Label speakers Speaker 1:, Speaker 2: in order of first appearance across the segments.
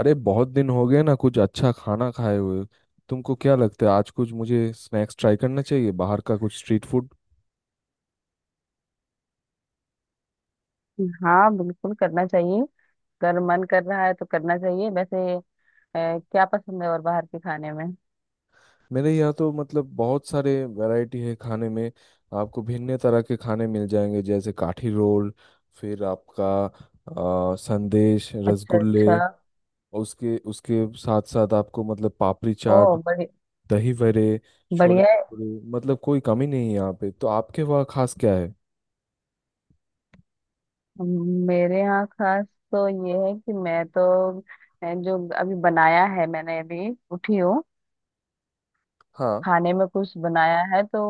Speaker 1: अरे बहुत दिन हो गए ना कुछ अच्छा खाना खाए हुए। तुमको क्या लगता है, आज कुछ मुझे स्नैक्स ट्राई करना चाहिए? बाहर का कुछ स्ट्रीट फूड।
Speaker 2: हाँ, बिल्कुल करना चाहिए। अगर मन कर रहा है तो करना चाहिए। वैसे क्या पसंद है और बाहर के खाने में?
Speaker 1: मेरे यहाँ तो मतलब बहुत सारे वैरायटी है खाने में। आपको भिन्न तरह के खाने मिल जाएंगे, जैसे काठी रोल, फिर आपका संदेश,
Speaker 2: अच्छा,
Speaker 1: रसगुल्ले।
Speaker 2: अच्छा।
Speaker 1: और उसके उसके साथ साथ आपको मतलब पापड़ी
Speaker 2: ओ,
Speaker 1: चाट,
Speaker 2: बड़ी
Speaker 1: दही वड़े, छोले
Speaker 2: बढ़िया है।
Speaker 1: भटूरे। मतलब कोई कमी नहीं है यहाँ पे। तो आपके वहाँ खास क्या है?
Speaker 2: मेरे यहाँ खास तो ये है कि मैं तो जो अभी बनाया है, मैंने अभी उठी हूँ।
Speaker 1: हाँ।
Speaker 2: खाने में कुछ बनाया है तो।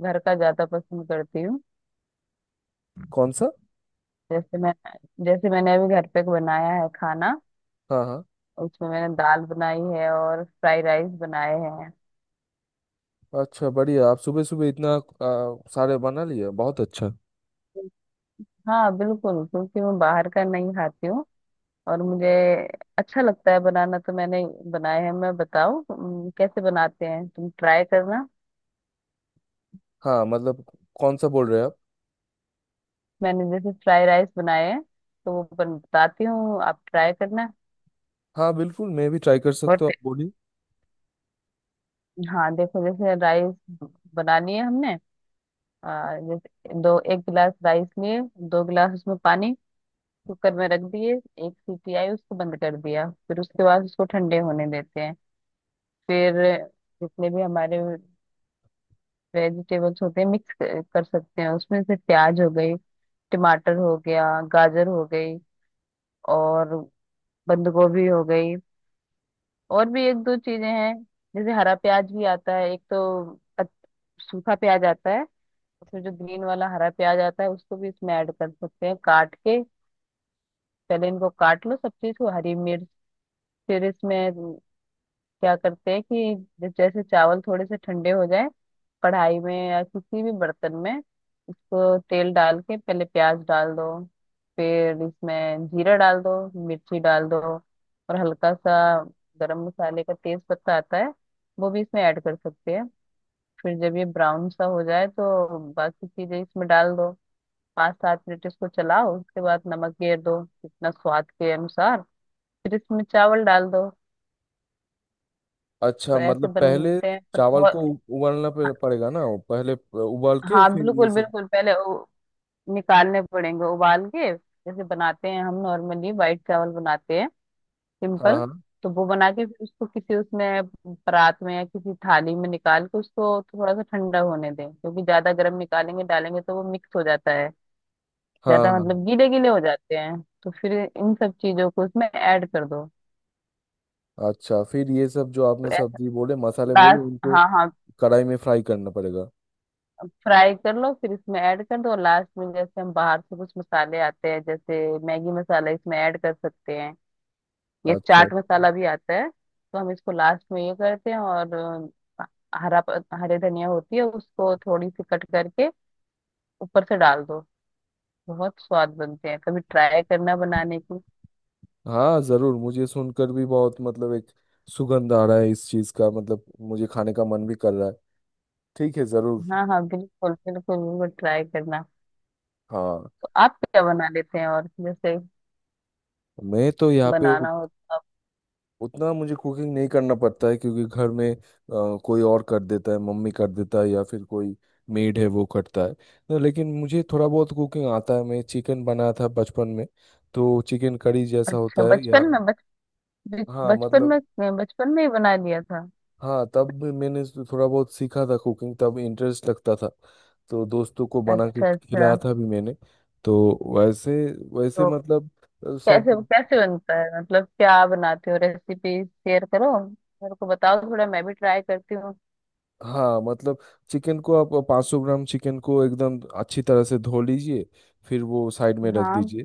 Speaker 2: घर का ज्यादा पसंद करती हूँ।
Speaker 1: कौन सा?
Speaker 2: जैसे मैं जैसे मैंने अभी घर पे बनाया है खाना।
Speaker 1: हाँ हाँ।
Speaker 2: उसमें मैंने दाल बनाई है और फ्राइड राइस बनाए हैं।
Speaker 1: अच्छा बढ़िया, आप सुबह सुबह इतना सारे बना लिए, बहुत अच्छा।
Speaker 2: हाँ बिल्कुल, क्योंकि मैं बाहर का नहीं खाती हूँ। और मुझे अच्छा लगता है बनाना, तो मैंने बनाए हैं। मैं बताओ, कैसे बनाते हैं तुम, ट्राई करना।
Speaker 1: हाँ मतलब, कौन सा बोल रहे हैं आप?
Speaker 2: मैंने जैसे फ्राई राइस बनाए हैं तो वो बताती हूँ, आप ट्राई करना।
Speaker 1: हाँ बिल्कुल, मैं भी ट्राई कर
Speaker 2: बहुत
Speaker 1: सकता हूँ,
Speaker 2: टे-
Speaker 1: आप बोलिए।
Speaker 2: हाँ, देखो। जैसे राइस बनानी है हमने। जैसे दो एक गिलास राइस लिए, 2 गिलास उसमें पानी, कुकर में रख दिए। एक सीटी आई, उसको बंद कर दिया। फिर उसके बाद उसको ठंडे होने देते हैं। फिर जितने भी हमारे वेजिटेबल्स होते हैं मिक्स कर सकते हैं उसमें, से प्याज हो गई, टमाटर हो गया, गाजर हो गई, और बंद गोभी हो गई। और भी एक दो चीजें हैं, जैसे हरा प्याज भी आता है। एक तो सूखा प्याज आता है, और फिर जो ग्रीन वाला हरा प्याज आता है, उसको भी इसमें ऐड कर सकते हैं काट के। पहले इनको काट लो सब चीज को, हरी मिर्च। फिर इसमें क्या करते हैं कि जब जैसे चावल थोड़े से ठंडे हो जाए, कढ़ाई में या किसी भी बर्तन में उसको तेल डाल के पहले प्याज डाल दो। फिर इसमें जीरा डाल दो, मिर्ची डाल दो। और हल्का सा गरम मसाले का तेज पत्ता आता है, वो भी इसमें ऐड कर सकते हैं। फिर जब ये ब्राउन सा हो जाए तो बाकी चीजें इसमें डाल दो। 5-7 मिनट इसको चलाओ, उसके बाद नमक घेर दो जितना स्वाद के अनुसार। फिर इसमें चावल डाल दो।
Speaker 1: अच्छा
Speaker 2: तो ऐसे
Speaker 1: मतलब, पहले
Speaker 2: बनते हैं, पर
Speaker 1: चावल को
Speaker 2: बहुत।
Speaker 1: उबालना पड़ेगा ना वो पहले, उबाल के
Speaker 2: हाँ
Speaker 1: फिर ये
Speaker 2: बिल्कुल
Speaker 1: सब।
Speaker 2: बिल्कुल, पहले निकालने पड़ेंगे उबाल के, जैसे बनाते हैं हम नॉर्मली वाइट चावल बनाते हैं
Speaker 1: हाँ
Speaker 2: सिंपल।
Speaker 1: हाँ
Speaker 2: तो वो बना के फिर उसको किसी, उसमें परात में या किसी थाली में निकाल के उसको थोड़ा सा ठंडा होने दें, क्योंकि ज्यादा गर्म निकालेंगे, डालेंगे तो वो मिक्स हो जाता है।
Speaker 1: हाँ
Speaker 2: ज्यादा
Speaker 1: हाँ
Speaker 2: मतलब गीले गीले हो जाते हैं। तो फिर इन सब चीजों को इसमें ऐड कर दो।
Speaker 1: हाँ। अच्छा, फिर ये सब जो
Speaker 2: तो
Speaker 1: आपने
Speaker 2: ऐसा।
Speaker 1: सब्जी बोले मसाले बोले,
Speaker 2: लास्ट,
Speaker 1: उनको
Speaker 2: हाँ हाँ।
Speaker 1: कढ़ाई में फ्राई करना पड़ेगा?
Speaker 2: फ्राई कर लो, फिर इसमें ऐड कर दो लास्ट में। जैसे हम बाहर से कुछ मसाले आते हैं, जैसे मैगी मसाला इसमें ऐड कर सकते हैं। ये
Speaker 1: अच्छा,
Speaker 2: चाट मसाला भी आता है, तो हम इसको लास्ट में ये करते हैं। और हरे धनिया होती है, उसको थोड़ी सी कट करके ऊपर से डाल दो। बहुत स्वाद बनते हैं, कभी ट्राई करना बनाने की।
Speaker 1: हाँ जरूर। मुझे सुनकर भी बहुत मतलब एक सुगंध आ रहा है इस चीज का, मतलब मुझे खाने का मन भी कर रहा है। ठीक है, जरूर।
Speaker 2: हाँ हाँ, बिल्कुल बिल्कुल बिल्कुल ट्राई करना।
Speaker 1: हाँ,
Speaker 2: तो आप क्या बना लेते हैं, और जैसे
Speaker 1: मैं तो यहाँ पे
Speaker 2: बनाना हो तो आप।
Speaker 1: उतना मुझे कुकिंग नहीं करना पड़ता है, क्योंकि घर में कोई और कर देता है, मम्मी कर देता है, या फिर कोई मेड है वो करता है। तो लेकिन मुझे थोड़ा बहुत कुकिंग आता है, मैं चिकन बनाया था बचपन में। तो चिकन करी जैसा
Speaker 2: अच्छा,
Speaker 1: होता है या।
Speaker 2: बचपन में? बच
Speaker 1: हाँ
Speaker 2: बचपन
Speaker 1: मतलब।
Speaker 2: में, बचपन में ही बना लिया था?
Speaker 1: हाँ, तब भी मैंने थोड़ा बहुत सीखा था कुकिंग, तब इंटरेस्ट लगता था, तो दोस्तों को बना के
Speaker 2: अच्छा अच्छा।
Speaker 1: खिलाया था भी मैंने। तो वैसे वैसे
Speaker 2: तो
Speaker 1: मतलब सब।
Speaker 2: कैसे कैसे बनता है, मतलब क्या बनाते हो? रेसिपी शेयर करो, मेरे को बताओ थोड़ा, मैं भी ट्राई करती हूँ।
Speaker 1: हाँ मतलब, चिकन को आप, 500 ग्राम चिकन को एकदम अच्छी तरह से धो लीजिए। फिर वो साइड में रख
Speaker 2: हाँ।
Speaker 1: दीजिए।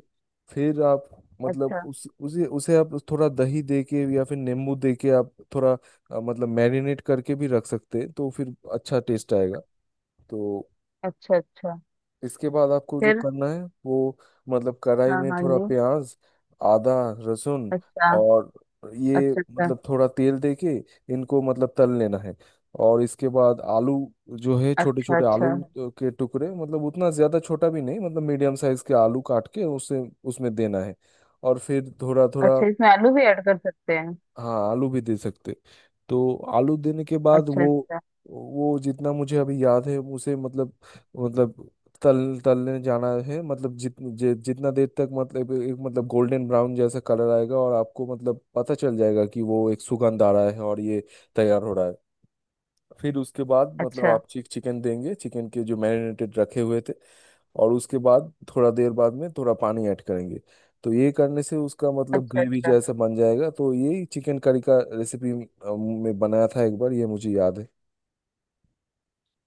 Speaker 1: फिर आप मतलब
Speaker 2: अच्छा
Speaker 1: उस उसे उसे आप थोड़ा दही दे के या फिर नींबू दे के आप थोड़ा मतलब मैरिनेट करके भी रख सकते हैं, तो फिर अच्छा टेस्ट आएगा। तो
Speaker 2: अच्छा अच्छा।
Speaker 1: इसके बाद आपको जो
Speaker 2: फिर।
Speaker 1: करना है वो मतलब, कढ़ाई
Speaker 2: हाँ
Speaker 1: में
Speaker 2: हाँ
Speaker 1: थोड़ा
Speaker 2: जी।
Speaker 1: प्याज, आदा, लहसुन,
Speaker 2: अच्छा
Speaker 1: और ये
Speaker 2: अच्छा अच्छा
Speaker 1: मतलब थोड़ा तेल देके इनको मतलब तल लेना है। और इसके बाद आलू, जो है छोटे
Speaker 2: अच्छा
Speaker 1: छोटे आलू
Speaker 2: अच्छा
Speaker 1: के टुकड़े, मतलब उतना ज़्यादा छोटा भी नहीं, मतलब मीडियम साइज के आलू काट के उसे उसमें देना है। और फिर थोड़ा थोड़ा।
Speaker 2: अच्छा। इसमें आलू भी ऐड कर सकते हैं?
Speaker 1: हाँ आलू भी दे सकते। तो आलू देने के बाद
Speaker 2: अच्छा
Speaker 1: वो,
Speaker 2: अच्छा
Speaker 1: जितना मुझे अभी याद है उसे मतलब, मतलब तल तलने जाना है, मतलब जितना देर तक, मतलब एक मतलब, गोल्डन ब्राउन जैसा कलर आएगा और आपको मतलब पता चल जाएगा कि वो एक सुगंध आ रहा है और ये तैयार हो रहा है। फिर उसके बाद मतलब
Speaker 2: अच्छा
Speaker 1: आप चिकन देंगे, चिकन के जो मैरिनेटेड रखे हुए थे। और उसके बाद थोड़ा देर बाद में थोड़ा पानी ऐड करेंगे, तो ये करने से उसका मतलब
Speaker 2: अच्छा
Speaker 1: ग्रेवी
Speaker 2: अच्छा
Speaker 1: जैसा बन जाएगा। तो यही चिकन करी का रेसिपी में बनाया था एक बार, ये मुझे याद है।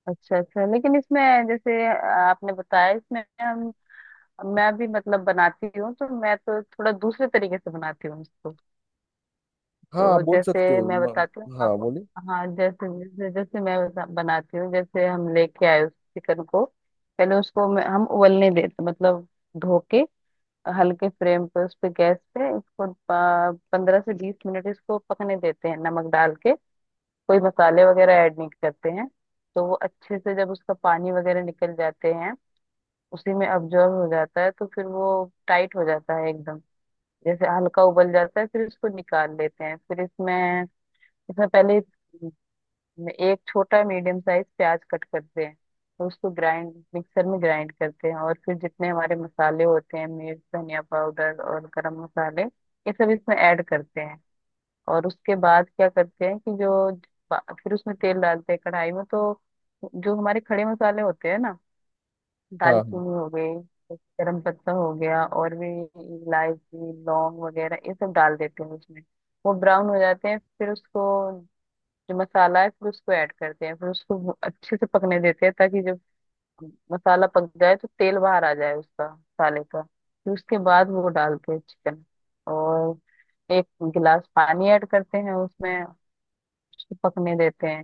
Speaker 2: अच्छा अच्छा। लेकिन इसमें, जैसे आपने बताया इसमें, हम, मैं भी मतलब बनाती हूँ तो, मैं तो थोड़ा दूसरे तरीके से बनाती हूँ इसको।
Speaker 1: हाँ आप
Speaker 2: तो
Speaker 1: बोल सकते
Speaker 2: जैसे
Speaker 1: हैं,
Speaker 2: मैं बताती हूँ
Speaker 1: हाँ
Speaker 2: आप।
Speaker 1: बोलिए।
Speaker 2: हाँ, जैसे जैसे जैसे मैं बनाती हूँ, जैसे हम लेके आए उस चिकन को। पहले उसको हम उबलने देते, मतलब धो के, हल्के फ्लेम पे उस पे, गैस पे इसको 15 से 20 मिनट इसको पकने देते हैं नमक डाल के। कोई मसाले वगैरह ऐड नहीं करते हैं। तो वो अच्छे से जब उसका पानी वगैरह निकल जाते हैं, उसी में अब्जॉर्ब हो जाता है, तो फिर वो टाइट हो जाता है एकदम, जैसे हल्का उबल जाता है। फिर इसको निकाल लेते हैं। फिर इसमें इसमें पहले एक छोटा मीडियम साइज प्याज कट करते हैं। तो उसको ग्राइंड, मिक्सर में ग्राइंड करते हैं, और फिर जितने हमारे मसाले होते हैं, मिर्च धनिया पाउडर और गरम मसाले, ये सब इसमें ऐड करते हैं। और उसके बाद क्या करते हैं कि जो फिर उसमें तेल डालते हैं कढ़ाई में, तो जो हमारे खड़े मसाले होते हैं ना,
Speaker 1: हाँ हाँ
Speaker 2: दालचीनी हो गई, गरम पत्ता हो गया, और भी इलायची लौंग वगैरह, ये सब डाल देते हैं उसमें। वो ब्राउन हो जाते हैं, फिर उसको, जो मसाला है फिर उसको ऐड करते हैं। फिर उसको अच्छे से पकने देते हैं, ताकि जब मसाला पक जाए तो तेल बाहर आ जाए उसका, मसाले का। फिर उसके बाद वो डालते हैं चिकन, और एक गिलास पानी ऐड करते हैं उसमें। उसको पकने देते हैं,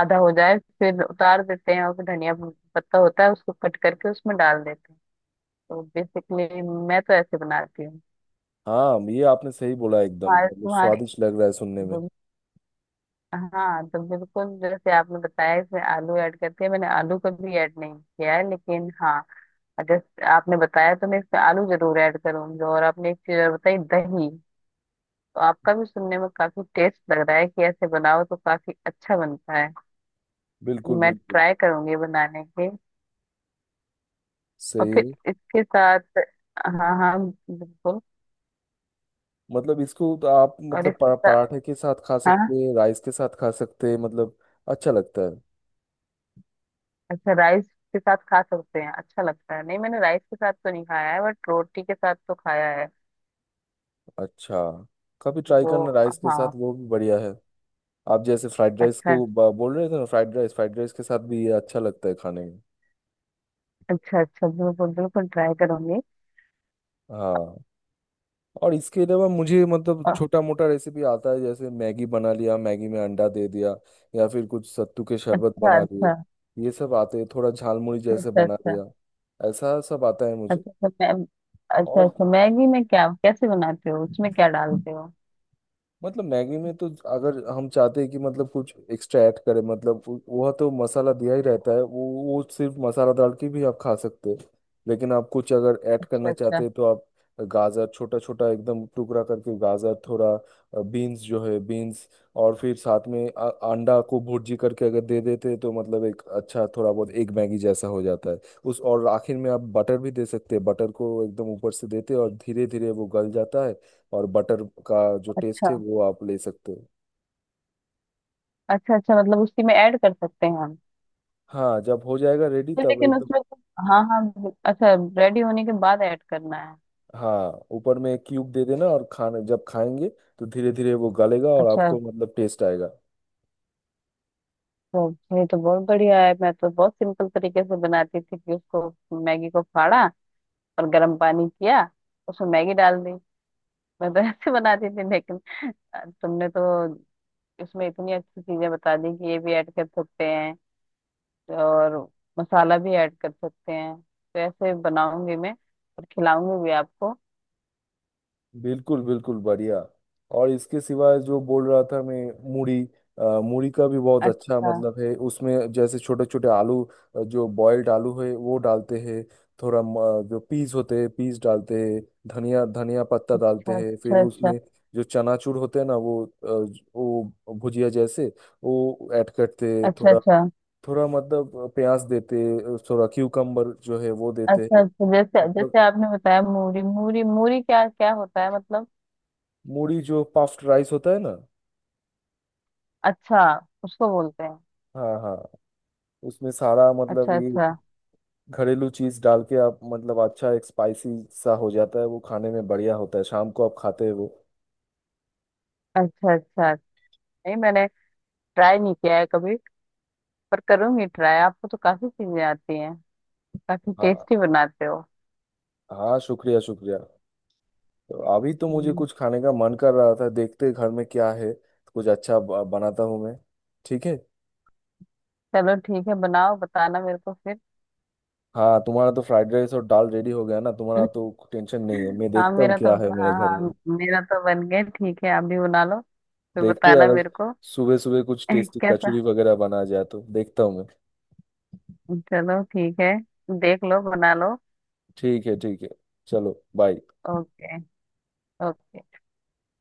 Speaker 2: आधा हो जाए फिर उतार देते हैं। और फिर धनिया पत्ता होता है, उसको कट करके उसमें डाल देते हैं। तो बेसिकली मैं तो ऐसे बनाती हूँ।
Speaker 1: हाँ। ये आपने सही बोला, एकदम
Speaker 2: तुम्हारे
Speaker 1: मतलब
Speaker 2: तुम्हारे
Speaker 1: स्वादिष्ट लग रहा है सुनने में।
Speaker 2: हाँ। तो बिल्कुल जैसे आपने बताया इसमें आलू ऐड करते हैं, मैंने आलू कभी ऐड नहीं किया है, लेकिन हाँ, अगर आपने बताया तो मैं इसमें आलू जरूर ऐड करूंगी। और आपने एक चीज और बताई, दही। तो आपका भी सुनने में काफी टेस्ट लग रहा है, कि ऐसे बनाओ तो काफी अच्छा बनता है।
Speaker 1: बिल्कुल
Speaker 2: मैं
Speaker 1: बिल्कुल।
Speaker 2: ट्राई करूंगी बनाने की।
Speaker 1: सही
Speaker 2: और फिर
Speaker 1: है।
Speaker 2: इसके साथ। हाँ हाँ, बिल्कुल।
Speaker 1: मतलब इसको तो आप
Speaker 2: और
Speaker 1: मतलब
Speaker 2: इसके साथ,
Speaker 1: पराठे के साथ खा
Speaker 2: हाँ।
Speaker 1: सकते हैं, राइस के साथ खा सकते हैं, मतलब अच्छा लगता है।
Speaker 2: अच्छा, राइस के साथ खा सकते हैं, अच्छा लगता है? नहीं, मैंने राइस के साथ तो नहीं खाया है, बट रोटी के साथ तो खाया है।
Speaker 1: अच्छा, कभी ट्राई
Speaker 2: वो,
Speaker 1: करना राइस के
Speaker 2: हाँ।
Speaker 1: साथ, वो भी बढ़िया है। आप जैसे फ्राइड राइस
Speaker 2: अच्छा
Speaker 1: को बोल रहे थे ना फ्राइड राइस, फ्राइड राइस के साथ भी ये अच्छा लगता है खाने में।
Speaker 2: अच्छा अच्छा, बिल्कुल बिल्कुल ट्राई करूंगी।
Speaker 1: हाँ। और इसके अलावा मुझे मतलब
Speaker 2: और
Speaker 1: छोटा मोटा रेसिपी आता है, जैसे मैगी बना लिया, मैगी में अंडा दे दिया, या फिर कुछ सत्तू के शरबत
Speaker 2: अच्छा
Speaker 1: बना लिए,
Speaker 2: अच्छा
Speaker 1: ये सब आते हैं, थोड़ा झालमुड़ी जैसे
Speaker 2: अच्छा
Speaker 1: बना
Speaker 2: अच्छा
Speaker 1: लिया, ऐसा सब आता है मुझे।
Speaker 2: अच्छा अच्छा अच्छा। मैं, अच्छा
Speaker 1: और
Speaker 2: अच्छा, मैगी में क्या, कैसे बनाते हो, उसमें क्या डालते हो?
Speaker 1: मतलब मैगी में तो, अगर हम चाहते हैं कि मतलब कुछ एक्स्ट्रा ऐड करें, मतलब वो वह तो मसाला दिया ही रहता है, वो सिर्फ मसाला डाल के भी आप खा सकते हैं। लेकिन आप कुछ अगर ऐड
Speaker 2: अच्छा
Speaker 1: करना
Speaker 2: अच्छा
Speaker 1: चाहते हैं, तो आप गाजर छोटा छोटा एकदम टुकड़ा करके, गाजर थोड़ा, बीन्स जो है बीन्स, और फिर साथ में अंडा को भुर्जी करके अगर दे देते हैं, तो मतलब एक अच्छा थोड़ा बहुत एक मैगी जैसा हो जाता है। उस, और आखिर में आप बटर भी दे सकते हैं। बटर को एकदम ऊपर से देते हैं और धीरे धीरे वो गल जाता है, और बटर का जो
Speaker 2: अच्छा
Speaker 1: टेस्ट है वो आप ले सकते हो।
Speaker 2: अच्छा अच्छा, मतलब उसी में ऐड कर सकते हैं हम?
Speaker 1: हाँ, जब हो जाएगा रेडी
Speaker 2: तो
Speaker 1: तब
Speaker 2: लेकिन
Speaker 1: एकदम।
Speaker 2: उसमें तो, हाँ हाँ अच्छा, रेडी होने के बाद ऐड करना है?
Speaker 1: हाँ, ऊपर में क्यूब दे देना और खाना जब खाएंगे, तो धीरे धीरे वो गलेगा और
Speaker 2: अच्छा,
Speaker 1: आपको मतलब टेस्ट आएगा।
Speaker 2: तो ये तो बहुत बढ़िया है। मैं तो बहुत सिंपल तरीके से बनाती थी, कि उसको मैगी को फाड़ा, और गर्म पानी किया, उसमें मैगी डाल दी। मैं तो ऐसे बनाती थी, लेकिन तुमने तो उसमें इतनी अच्छी चीजें बता दी, कि ये भी ऐड कर सकते हैं और मसाला भी ऐड कर सकते हैं। तो ऐसे बनाऊंगी मैं, और खिलाऊंगी भी आपको।
Speaker 1: बिल्कुल बिल्कुल, बढ़िया। और इसके सिवाय जो बोल रहा था मैं, मूढ़ी। मूढ़ी का भी बहुत अच्छा
Speaker 2: अच्छा
Speaker 1: मतलब है, उसमें जैसे छोटे छोटे आलू, जो बॉयल्ड आलू है वो डालते हैं। थोड़ा जो पीस होते हैं पीस डालते हैं, धनिया धनिया पत्ता डालते हैं। फिर
Speaker 2: अच्छा अच्छा
Speaker 1: उसमें जो चनाचूर होते हैं ना, वो भुजिया जैसे, वो ऐड करते हैं
Speaker 2: अच्छा अच्छा
Speaker 1: थोड़ा।
Speaker 2: अच्छा
Speaker 1: थोड़ा मतलब प्याज देते हैं, थोड़ा क्यूकम्बर जो है वो देते
Speaker 2: अच्छा
Speaker 1: हैं।
Speaker 2: अच्छा, जैसे जैसे
Speaker 1: मतलब
Speaker 2: आपने बताया, मूरी मूरी मूरी क्या क्या होता है मतलब?
Speaker 1: मूढ़ी जो पफ्ड राइस होता है ना।
Speaker 2: अच्छा, उसको बोलते हैं।
Speaker 1: हाँ हाँ। उसमें सारा मतलब
Speaker 2: अच्छा
Speaker 1: ये
Speaker 2: अच्छा
Speaker 1: घरेलू चीज डाल के आप मतलब अच्छा एक स्पाइसी सा हो जाता है, वो खाने में बढ़िया होता है, शाम को आप खाते हो।
Speaker 2: अच्छा अच्छा। नहीं, मैंने ट्राई नहीं किया है कभी, पर करूंगी ट्राई। आपको तो काफी चीजें आती हैं, काफी
Speaker 1: हाँ।
Speaker 2: टेस्टी बनाते हो।
Speaker 1: हाँ शुक्रिया शुक्रिया। तो अभी तो मुझे
Speaker 2: हम्म।
Speaker 1: कुछ खाने का मन कर रहा था, देखते घर में क्या है। कुछ अच्छा बनाता हूँ मैं। ठीक है।
Speaker 2: चलो ठीक है, बनाओ बताना मेरे को फिर।
Speaker 1: हाँ, तुम्हारा तो फ्राइड राइस और दाल रेडी हो गया ना, तुम्हारा तो टेंशन नहीं है। मैं
Speaker 2: हाँ,
Speaker 1: देखता हूँ
Speaker 2: मेरा तो,
Speaker 1: क्या है मेरे
Speaker 2: हाँ
Speaker 1: घर
Speaker 2: हाँ,
Speaker 1: में।
Speaker 2: मेरा तो बन गया। ठीक है, आप भी बना लो, फिर
Speaker 1: देखते हैं
Speaker 2: बताना
Speaker 1: यार,
Speaker 2: मेरे को।
Speaker 1: सुबह सुबह कुछ टेस्टी
Speaker 2: कैसा,
Speaker 1: कचौरी वगैरह बना जाए तो देखता हूँ मैं।
Speaker 2: चलो ठीक है, देख लो बना लो।
Speaker 1: ठीक है ठीक है। चलो बाय।
Speaker 2: ओके। ओके।